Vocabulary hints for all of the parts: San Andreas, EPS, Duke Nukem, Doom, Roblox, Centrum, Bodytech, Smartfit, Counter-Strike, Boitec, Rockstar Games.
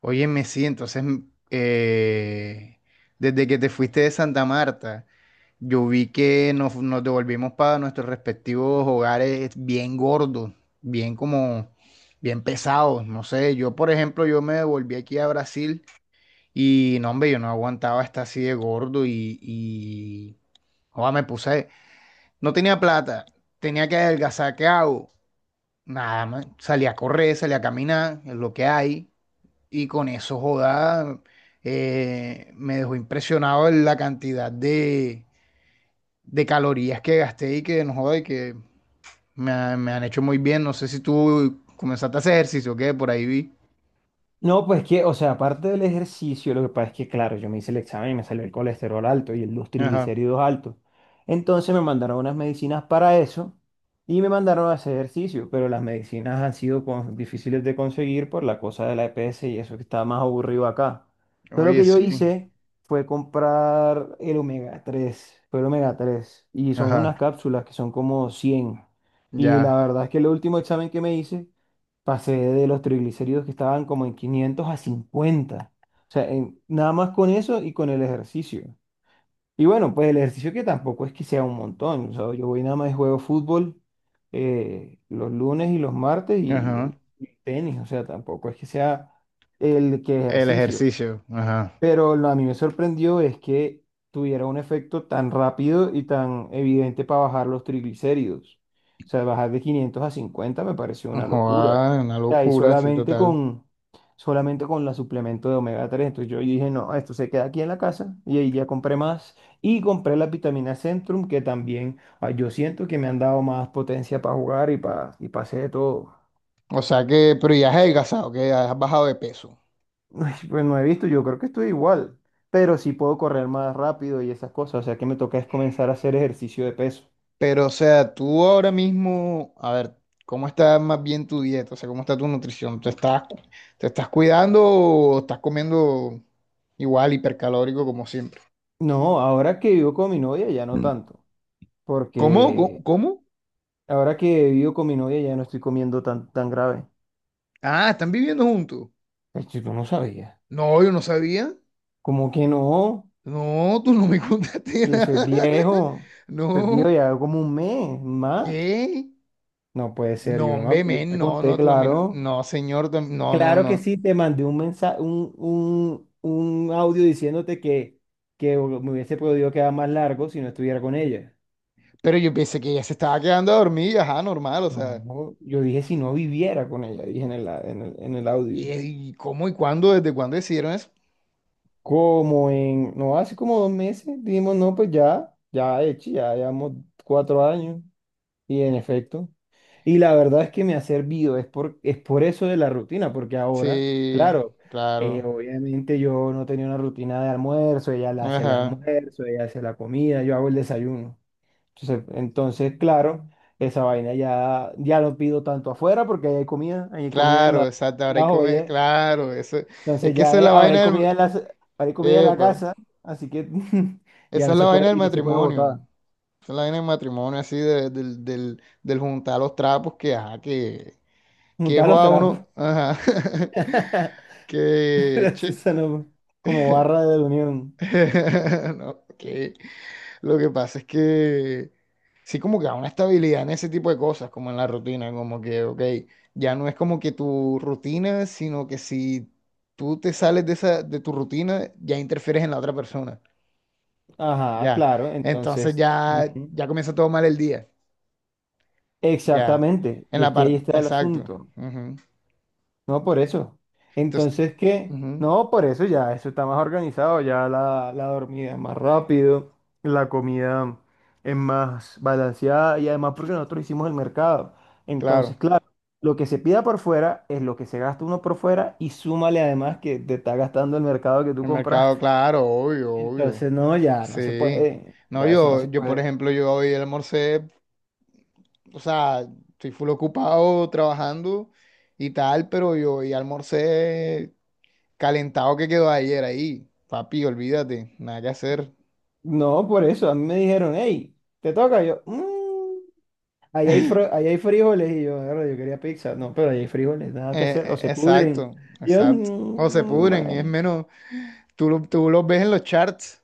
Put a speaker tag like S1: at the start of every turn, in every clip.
S1: Óyeme, sí, entonces, desde que te fuiste de Santa Marta, yo vi que nos devolvimos para nuestros respectivos hogares bien gordos, bien como, bien pesados, no sé, yo por ejemplo, yo me devolví aquí a Brasil y no, hombre, yo no aguantaba estar así de gordo joda, me puse, no tenía plata, tenía que adelgazar, ¿qué hago? Nada más, salí a correr, salí a caminar, es lo que hay. Y con eso, joda, me dejó impresionado en la cantidad de calorías que gasté y que no joda y que me han hecho muy bien. No sé si tú comenzaste a hacer ejercicio o qué, por ahí vi.
S2: No, pues que, o sea, aparte del ejercicio, lo que pasa es que, claro, yo me hice el examen y me salió el colesterol alto y los
S1: Ajá.
S2: triglicéridos altos. Entonces me mandaron unas medicinas para eso y me mandaron a hacer ejercicio, pero las medicinas han sido difíciles de conseguir por la cosa de la EPS y eso que está más aburrido acá. Pero lo
S1: Oye,
S2: que yo
S1: sí.
S2: hice fue comprar el omega 3, fue el omega 3, y son unas
S1: Ajá.
S2: cápsulas que son como 100. Y la
S1: Ya.
S2: verdad es que el último examen que me hice pasé de los triglicéridos que estaban como en 500 a 50. O sea, nada más con eso y con el ejercicio. Y bueno, pues el ejercicio que tampoco es que sea un montón. O sea, yo voy nada más y juego fútbol los lunes y los martes y,
S1: Ajá.
S2: el- y tenis. O sea, tampoco es que sea el que
S1: El
S2: ejercicio.
S1: ejercicio. Ajá.
S2: Pero a mí me sorprendió es que tuviera un efecto tan rápido y tan evidente para bajar los triglicéridos. O sea, bajar de 500 a 50 me pareció una locura.
S1: Joda, una
S2: O sea, y
S1: locura, sí,
S2: solamente
S1: total.
S2: con, solamente con la suplemento de omega tres. Entonces yo dije, no, esto se queda aquí en la casa. Y ahí ya compré más. Y compré la vitamina Centrum, que también yo siento que me han dado más potencia para jugar y para hacer de todo.
S1: O sea que, pero ya has adelgazado, que ya has bajado de peso.
S2: Ay, pues no he visto, yo creo que estoy igual, pero sí puedo correr más rápido y esas cosas, o sea que me toca es comenzar a hacer ejercicio de peso.
S1: Pero, o sea, tú ahora mismo, a ver, ¿cómo está más bien tu dieta? O sea, ¿cómo está tu nutrición? Te estás cuidando o estás comiendo igual hipercalórico como siempre?
S2: No,
S1: No.
S2: ahora que vivo con mi novia ya no
S1: Mm.
S2: tanto,
S1: ¿Cómo? ¿Cómo?
S2: porque
S1: ¿Cómo?
S2: ahora que vivo con mi novia ya no estoy comiendo tan grave.
S1: Ah, ¿están viviendo juntos?
S2: Pues yo no sabía.
S1: No, yo no sabía.
S2: ¿Cómo que no?
S1: No, tú no me contaste nada.
S2: Eso es viejo, eso es viejo
S1: No,
S2: ya como un mes más.
S1: ¿qué?
S2: No puede ser,
S1: No,
S2: yo no me
S1: hombre,
S2: acu- yo
S1: men,
S2: te
S1: no,
S2: conté,
S1: no, tú también.
S2: claro.
S1: No, no, señor, tam- no, no,
S2: Claro que
S1: no.
S2: sí, te mandé un mensaje, un audio diciéndote que, me hubiese podido quedar más largo si no estuviera con ella.
S1: Pero yo pensé que ella se estaba quedando a dormir, ajá, normal, o
S2: No,
S1: sea.
S2: no, yo dije si no viviera con ella, dije en el audio.
S1: Y cómo y cuándo? ¿Desde cuándo decidieron eso?
S2: No, hace como 2 meses, dijimos, no, pues ya, ya, hecho, ya llevamos 4 años. Y en efecto. Y la verdad es que me ha servido, es por eso de la rutina, porque ahora,
S1: Sí,
S2: claro,
S1: claro.
S2: obviamente yo no tenía una rutina de almuerzo, ella la hace el
S1: Ajá.
S2: almuerzo, ella hace la comida, yo hago el desayuno. Entonces, claro, esa vaina ya no pido tanto afuera porque ahí hay comida en
S1: Claro,
S2: la,
S1: exacto. Ahora hay
S2: la
S1: que comer.
S2: joya.
S1: Claro, eso. Es
S2: Entonces
S1: que
S2: ya
S1: esa es la
S2: ahora
S1: vaina
S2: hay comida
S1: del.
S2: en la
S1: Epa.
S2: casa, así que ya
S1: Esa
S2: no
S1: es la
S2: se puede,
S1: vaina del
S2: y no se puede
S1: matrimonio.
S2: botar,
S1: Esa es la vaina del matrimonio, así, de- del, del, del juntar los trapos que, ajá, que. Que
S2: juntar los
S1: joda
S2: trapos.
S1: uno. Ajá. Que. Che.
S2: Gracias a no- como barra de unión.
S1: No, que lo que pasa es que sí como que da una estabilidad en ese tipo de cosas, como en la rutina, como que, ok, ya no es como que tu rutina, sino que si tú te sales de esa, de tu rutina, ya interfieres en la otra persona,
S2: Ajá,
S1: ya.
S2: claro,
S1: Entonces
S2: entonces.
S1: ya,
S2: Ujú.
S1: ya comienza todo mal el día, ya.
S2: Exactamente,
S1: En
S2: y
S1: la
S2: es que ahí
S1: parte,
S2: está el
S1: exacto.
S2: asunto.
S1: Ujú.
S2: No por eso.
S1: Entonces,
S2: Entonces, ¿qué?
S1: ujú,
S2: No, por eso ya, eso está más organizado, ya la dormida es más rápido, la comida es más balanceada y además porque nosotros hicimos el mercado. Entonces,
S1: claro,
S2: claro, lo que se pida por fuera es lo que se gasta uno por fuera y súmale además que te está gastando el mercado que tú
S1: el
S2: compraste.
S1: mercado, claro, obvio, obvio,
S2: Entonces, no, ya no se
S1: sí.
S2: puede,
S1: No,
S2: ya eso no
S1: yo,
S2: se
S1: yo, por
S2: puede.
S1: ejemplo, yo hoy almorcé, o sea, estoy full ocupado trabajando y tal, pero yo y almorcé calentado que quedó ayer ahí. Papi, olvídate, nada que hacer.
S2: No, por eso, a mí me dijeron, hey, te toca, yo, "Mm, ahí hay frijoles, y yo, "Mierda, yo quería pizza, no, pero ahí hay frijoles, nada que hacer, o se pudren.
S1: Exacto,
S2: Y yo,
S1: exacto. O se
S2: "Mm,
S1: pudren y es
S2: bueno,
S1: menos, tú, tú los ves en los charts,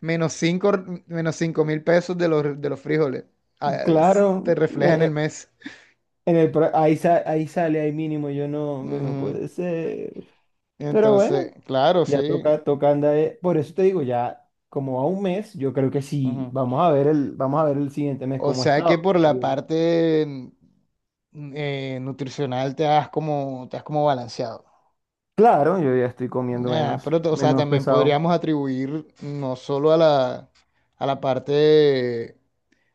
S1: menos 5 menos 5.000 pesos de los frijoles. Ah, te
S2: claro,
S1: refleja en
S2: eh,
S1: el
S2: eh,
S1: mes.
S2: en el, pro- ahí, sa- ahí sale, ahí mínimo, yo no, hombre, no
S1: Ujú.
S2: puede ser. Pero bueno,
S1: Entonces, claro,
S2: ya
S1: sí.
S2: toca andar, por eso te digo, ya como a un mes, yo creo que sí, vamos a ver el siguiente mes
S1: O
S2: cómo ha
S1: sea que
S2: estado.
S1: por la parte nutricional te has como balanceado.
S2: Claro, yo ya estoy comiendo
S1: Ah,
S2: menos,
S1: pero, o sea,
S2: menos
S1: también
S2: pesado.
S1: podríamos atribuir no solo a la parte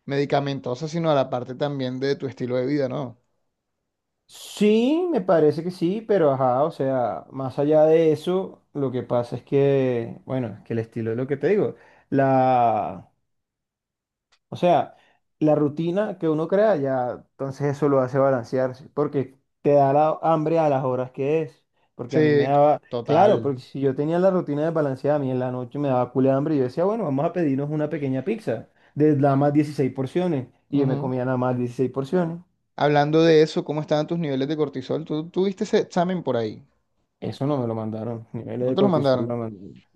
S1: medicamentosa, sino a la parte también de tu estilo de vida, ¿no?
S2: Sí, me parece que sí, pero ajá, o sea, más allá de eso, lo que pasa es que, bueno, es que el estilo es lo que te digo. La, O sea, la rutina que uno crea ya, entonces eso lo hace balancearse, porque te da la hambre a las horas que es. Porque a mí me
S1: Sí,
S2: daba, claro,
S1: total.
S2: porque si yo tenía la rutina de balanceada, a mí en la noche me daba culo de hambre y yo decía, bueno, vamos a pedirnos una pequeña pizza de nada más 16 porciones. Y yo me
S1: Ujú.
S2: comía nada más 16 porciones.
S1: Hablando de eso, ¿cómo estaban tus niveles de cortisol? ¿Tú tuviste ese examen por ahí?
S2: Eso no me lo mandaron. Niveles
S1: ¿No
S2: de
S1: te lo
S2: cortisol
S1: mandaron?
S2: la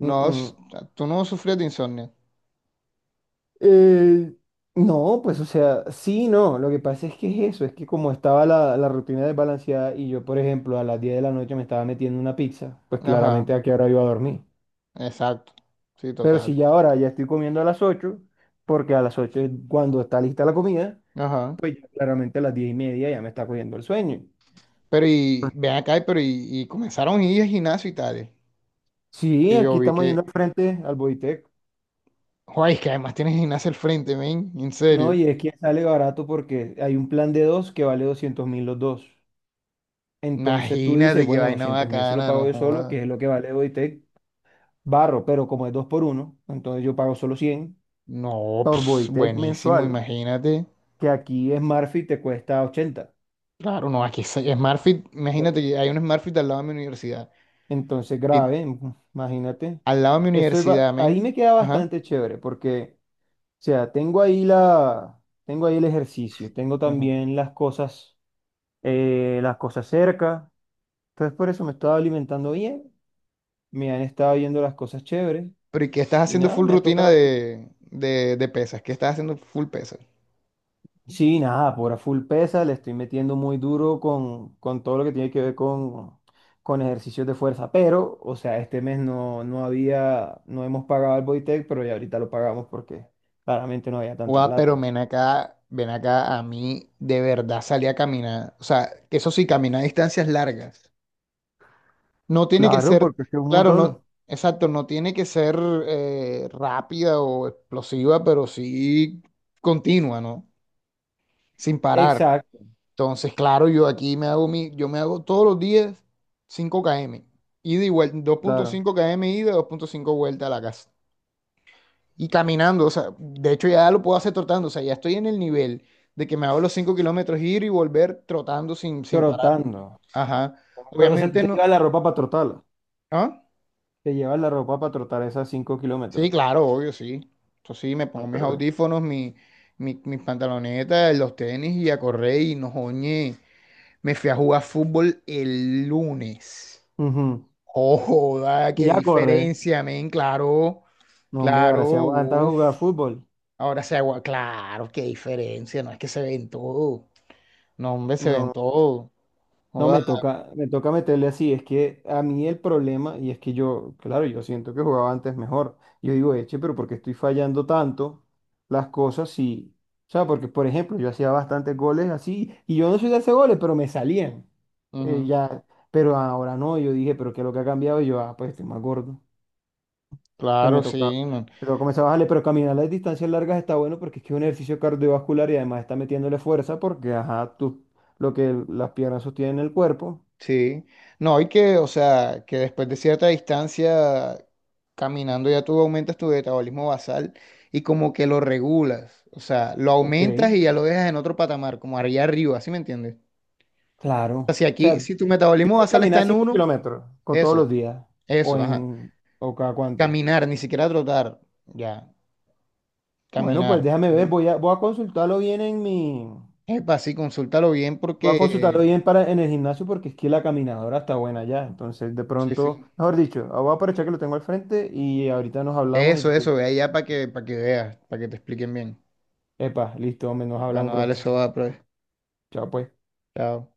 S1: No, s- Tú no sufrías de insomnio.
S2: Eh, no, pues o sea, sí, no, lo que pasa es que es eso, es que como estaba la rutina desbalanceada y yo, por ejemplo, a las 10 de la noche me estaba metiendo una pizza, pues
S1: Ajá,
S2: claramente a qué hora iba a dormir.
S1: exacto. Sí,
S2: Pero si
S1: total.
S2: ya ahora ya estoy comiendo a las 8, porque a las 8 es cuando está lista la comida,
S1: Ajá.
S2: pues ya claramente a las 10 y media ya me está cogiendo el sueño.
S1: Pero y ven acá, pero y comenzaron a ir al gimnasio y tales.
S2: Sí,
S1: Que yo
S2: aquí
S1: vi
S2: estamos
S1: que,
S2: yendo al frente al Boitec,
S1: joder, es que además tienes gimnasio al frente, men, en
S2: ¿no?
S1: serio.
S2: Y es que sale barato porque hay un plan de dos que vale 200.000 los dos. Entonces tú
S1: Imagínate
S2: dices,
S1: qué
S2: bueno,
S1: vaina
S2: 200.000 si lo
S1: bacana, no
S2: pago yo solo, que
S1: joda.
S2: es lo que vale Bodytech barro, pero como es 2 por uno entonces yo pago solo 100
S1: No,
S2: por
S1: ps,
S2: Bodytech
S1: buenísimo,
S2: mensual,
S1: imagínate.
S2: que aquí Smartfit te cuesta 80.
S1: Claro, no, aquí es SmartFit,
S2: Por
S1: imagínate
S2: eso.
S1: que hay un SmartFit al lado de mi universidad.
S2: Entonces
S1: Y
S2: grave, imagínate.
S1: al lado de mi
S2: Eso es.
S1: universidad,
S2: Ahí
S1: men.
S2: me queda
S1: Ajá.
S2: bastante chévere porque, o sea, tengo ahí el ejercicio, tengo
S1: Ajá.
S2: también las cosas cerca. Entonces por eso me estaba alimentando bien, me han estado viendo las cosas chéveres
S1: Pero ¿y qué estás
S2: y
S1: haciendo
S2: nada,
S1: full
S2: me ha
S1: rutina
S2: tocado.
S1: de pesas? ¿Qué estás haciendo full pesas?
S2: Sí, nada, por a full pesa, le estoy metiendo muy duro con todo lo que tiene que ver con ejercicios de fuerza, pero, o sea, este mes no, no hemos pagado al Bodytech, pero ya ahorita lo pagamos porque claramente no había tanta
S1: Guau, pero
S2: plata.
S1: ven acá, a mí de verdad salí a caminar. O sea, que eso sí, caminar distancias largas. No tiene que
S2: Claro,
S1: ser,
S2: porque es que es un
S1: claro,
S2: montón.
S1: no, exacto, no tiene que ser rápida o explosiva, pero sí continua, ¿no? Sin parar.
S2: Exacto,
S1: Entonces, claro, yo aquí me hago mi, yo me hago todos los días 5 km. Ida y vuelta, dos punto
S2: claro,
S1: cinco km ida, 2,5 vuelta a la casa. Y caminando, o sea, de hecho ya lo puedo hacer trotando, o sea, ya estoy en el nivel de que me hago los 5 kilómetros ir y volver trotando sin parar.
S2: trotando.
S1: Ajá.
S2: Pero, o sea, tú
S1: Obviamente
S2: te
S1: no.
S2: llevas la ropa para trotarla,
S1: ¿Ah?
S2: te llevas la ropa para trotar esas 5
S1: Sí,
S2: kilómetros.
S1: claro, obvio, sí. Entonces sí, me
S2: Ah,
S1: pongo mis
S2: pero ve.
S1: audífonos, mis pantalonetas, los tenis y a correr y no joñe. Me fui a jugar fútbol el lunes.
S2: Ujú.
S1: Oh, joda,
S2: Y
S1: qué
S2: ya corre,
S1: diferencia, men, claro,
S2: no, hombre, ahora si
S1: claro,
S2: aguanta
S1: uff.
S2: jugar fútbol.
S1: Ahora se agua, claro, qué diferencia, no es que se ven todo. No, hombre, se ven
S2: No.
S1: todo.
S2: No,
S1: Joda.
S2: me toca meterle así. Es que a mí el problema, y es que yo, claro, yo siento que jugaba antes mejor. Yo digo, eche, pero ¿por qué estoy fallando tanto las cosas si, o sea, porque, por ejemplo, yo hacía bastantes goles así, y yo no soy de hacer goles, pero me salían.
S1: Ujú.
S2: Ya, pero ahora no, yo dije, pero ¿qué es lo que ha cambiado? Y yo, ah, pues estoy más gordo. Entonces
S1: Claro,
S2: me toca,
S1: sí, man.
S2: me toca comenzar a bajarle, pero caminar las distancias largas está bueno porque es que es un ejercicio cardiovascular y además está metiéndole fuerza porque, ajá, tú, lo que las piernas sostienen el cuerpo.
S1: Sí. No, y que, o sea, que después de cierta distancia, caminando ya tú aumentas tu metabolismo basal y como que lo regulas. O sea, lo
S2: Ok,
S1: aumentas y ya lo dejas en otro patamar, como allá arriba, ¿sí me entiendes?
S2: claro.
S1: O sea,
S2: O
S1: si aquí,
S2: sea,
S1: si tu metabolismo
S2: dices
S1: basal está
S2: caminar
S1: en
S2: 5
S1: uno,
S2: kilómetros con todos los
S1: eso,
S2: días o
S1: eso, ajá.
S2: en o cada cuánto.
S1: Caminar, ni siquiera trotar, ya,
S2: Bueno, pues
S1: caminar.
S2: déjame ver,
S1: Ujú. Epa, sí, consúltalo bien
S2: voy a consultarlo
S1: porque,
S2: bien para en el gimnasio porque es que la caminadora está buena ya. Entonces, de
S1: sí,
S2: pronto,
S1: sí.
S2: mejor dicho, voy a aprovechar que lo tengo al frente y ahorita nos hablamos y,
S1: Eso, eso, ve allá para que veas, para que te expliquen bien.
S2: epa, listo, hombre, nos hablamos,
S1: Bueno, dale,
S2: bro.
S1: eso va, pues.
S2: Chao, pues.
S1: Chao.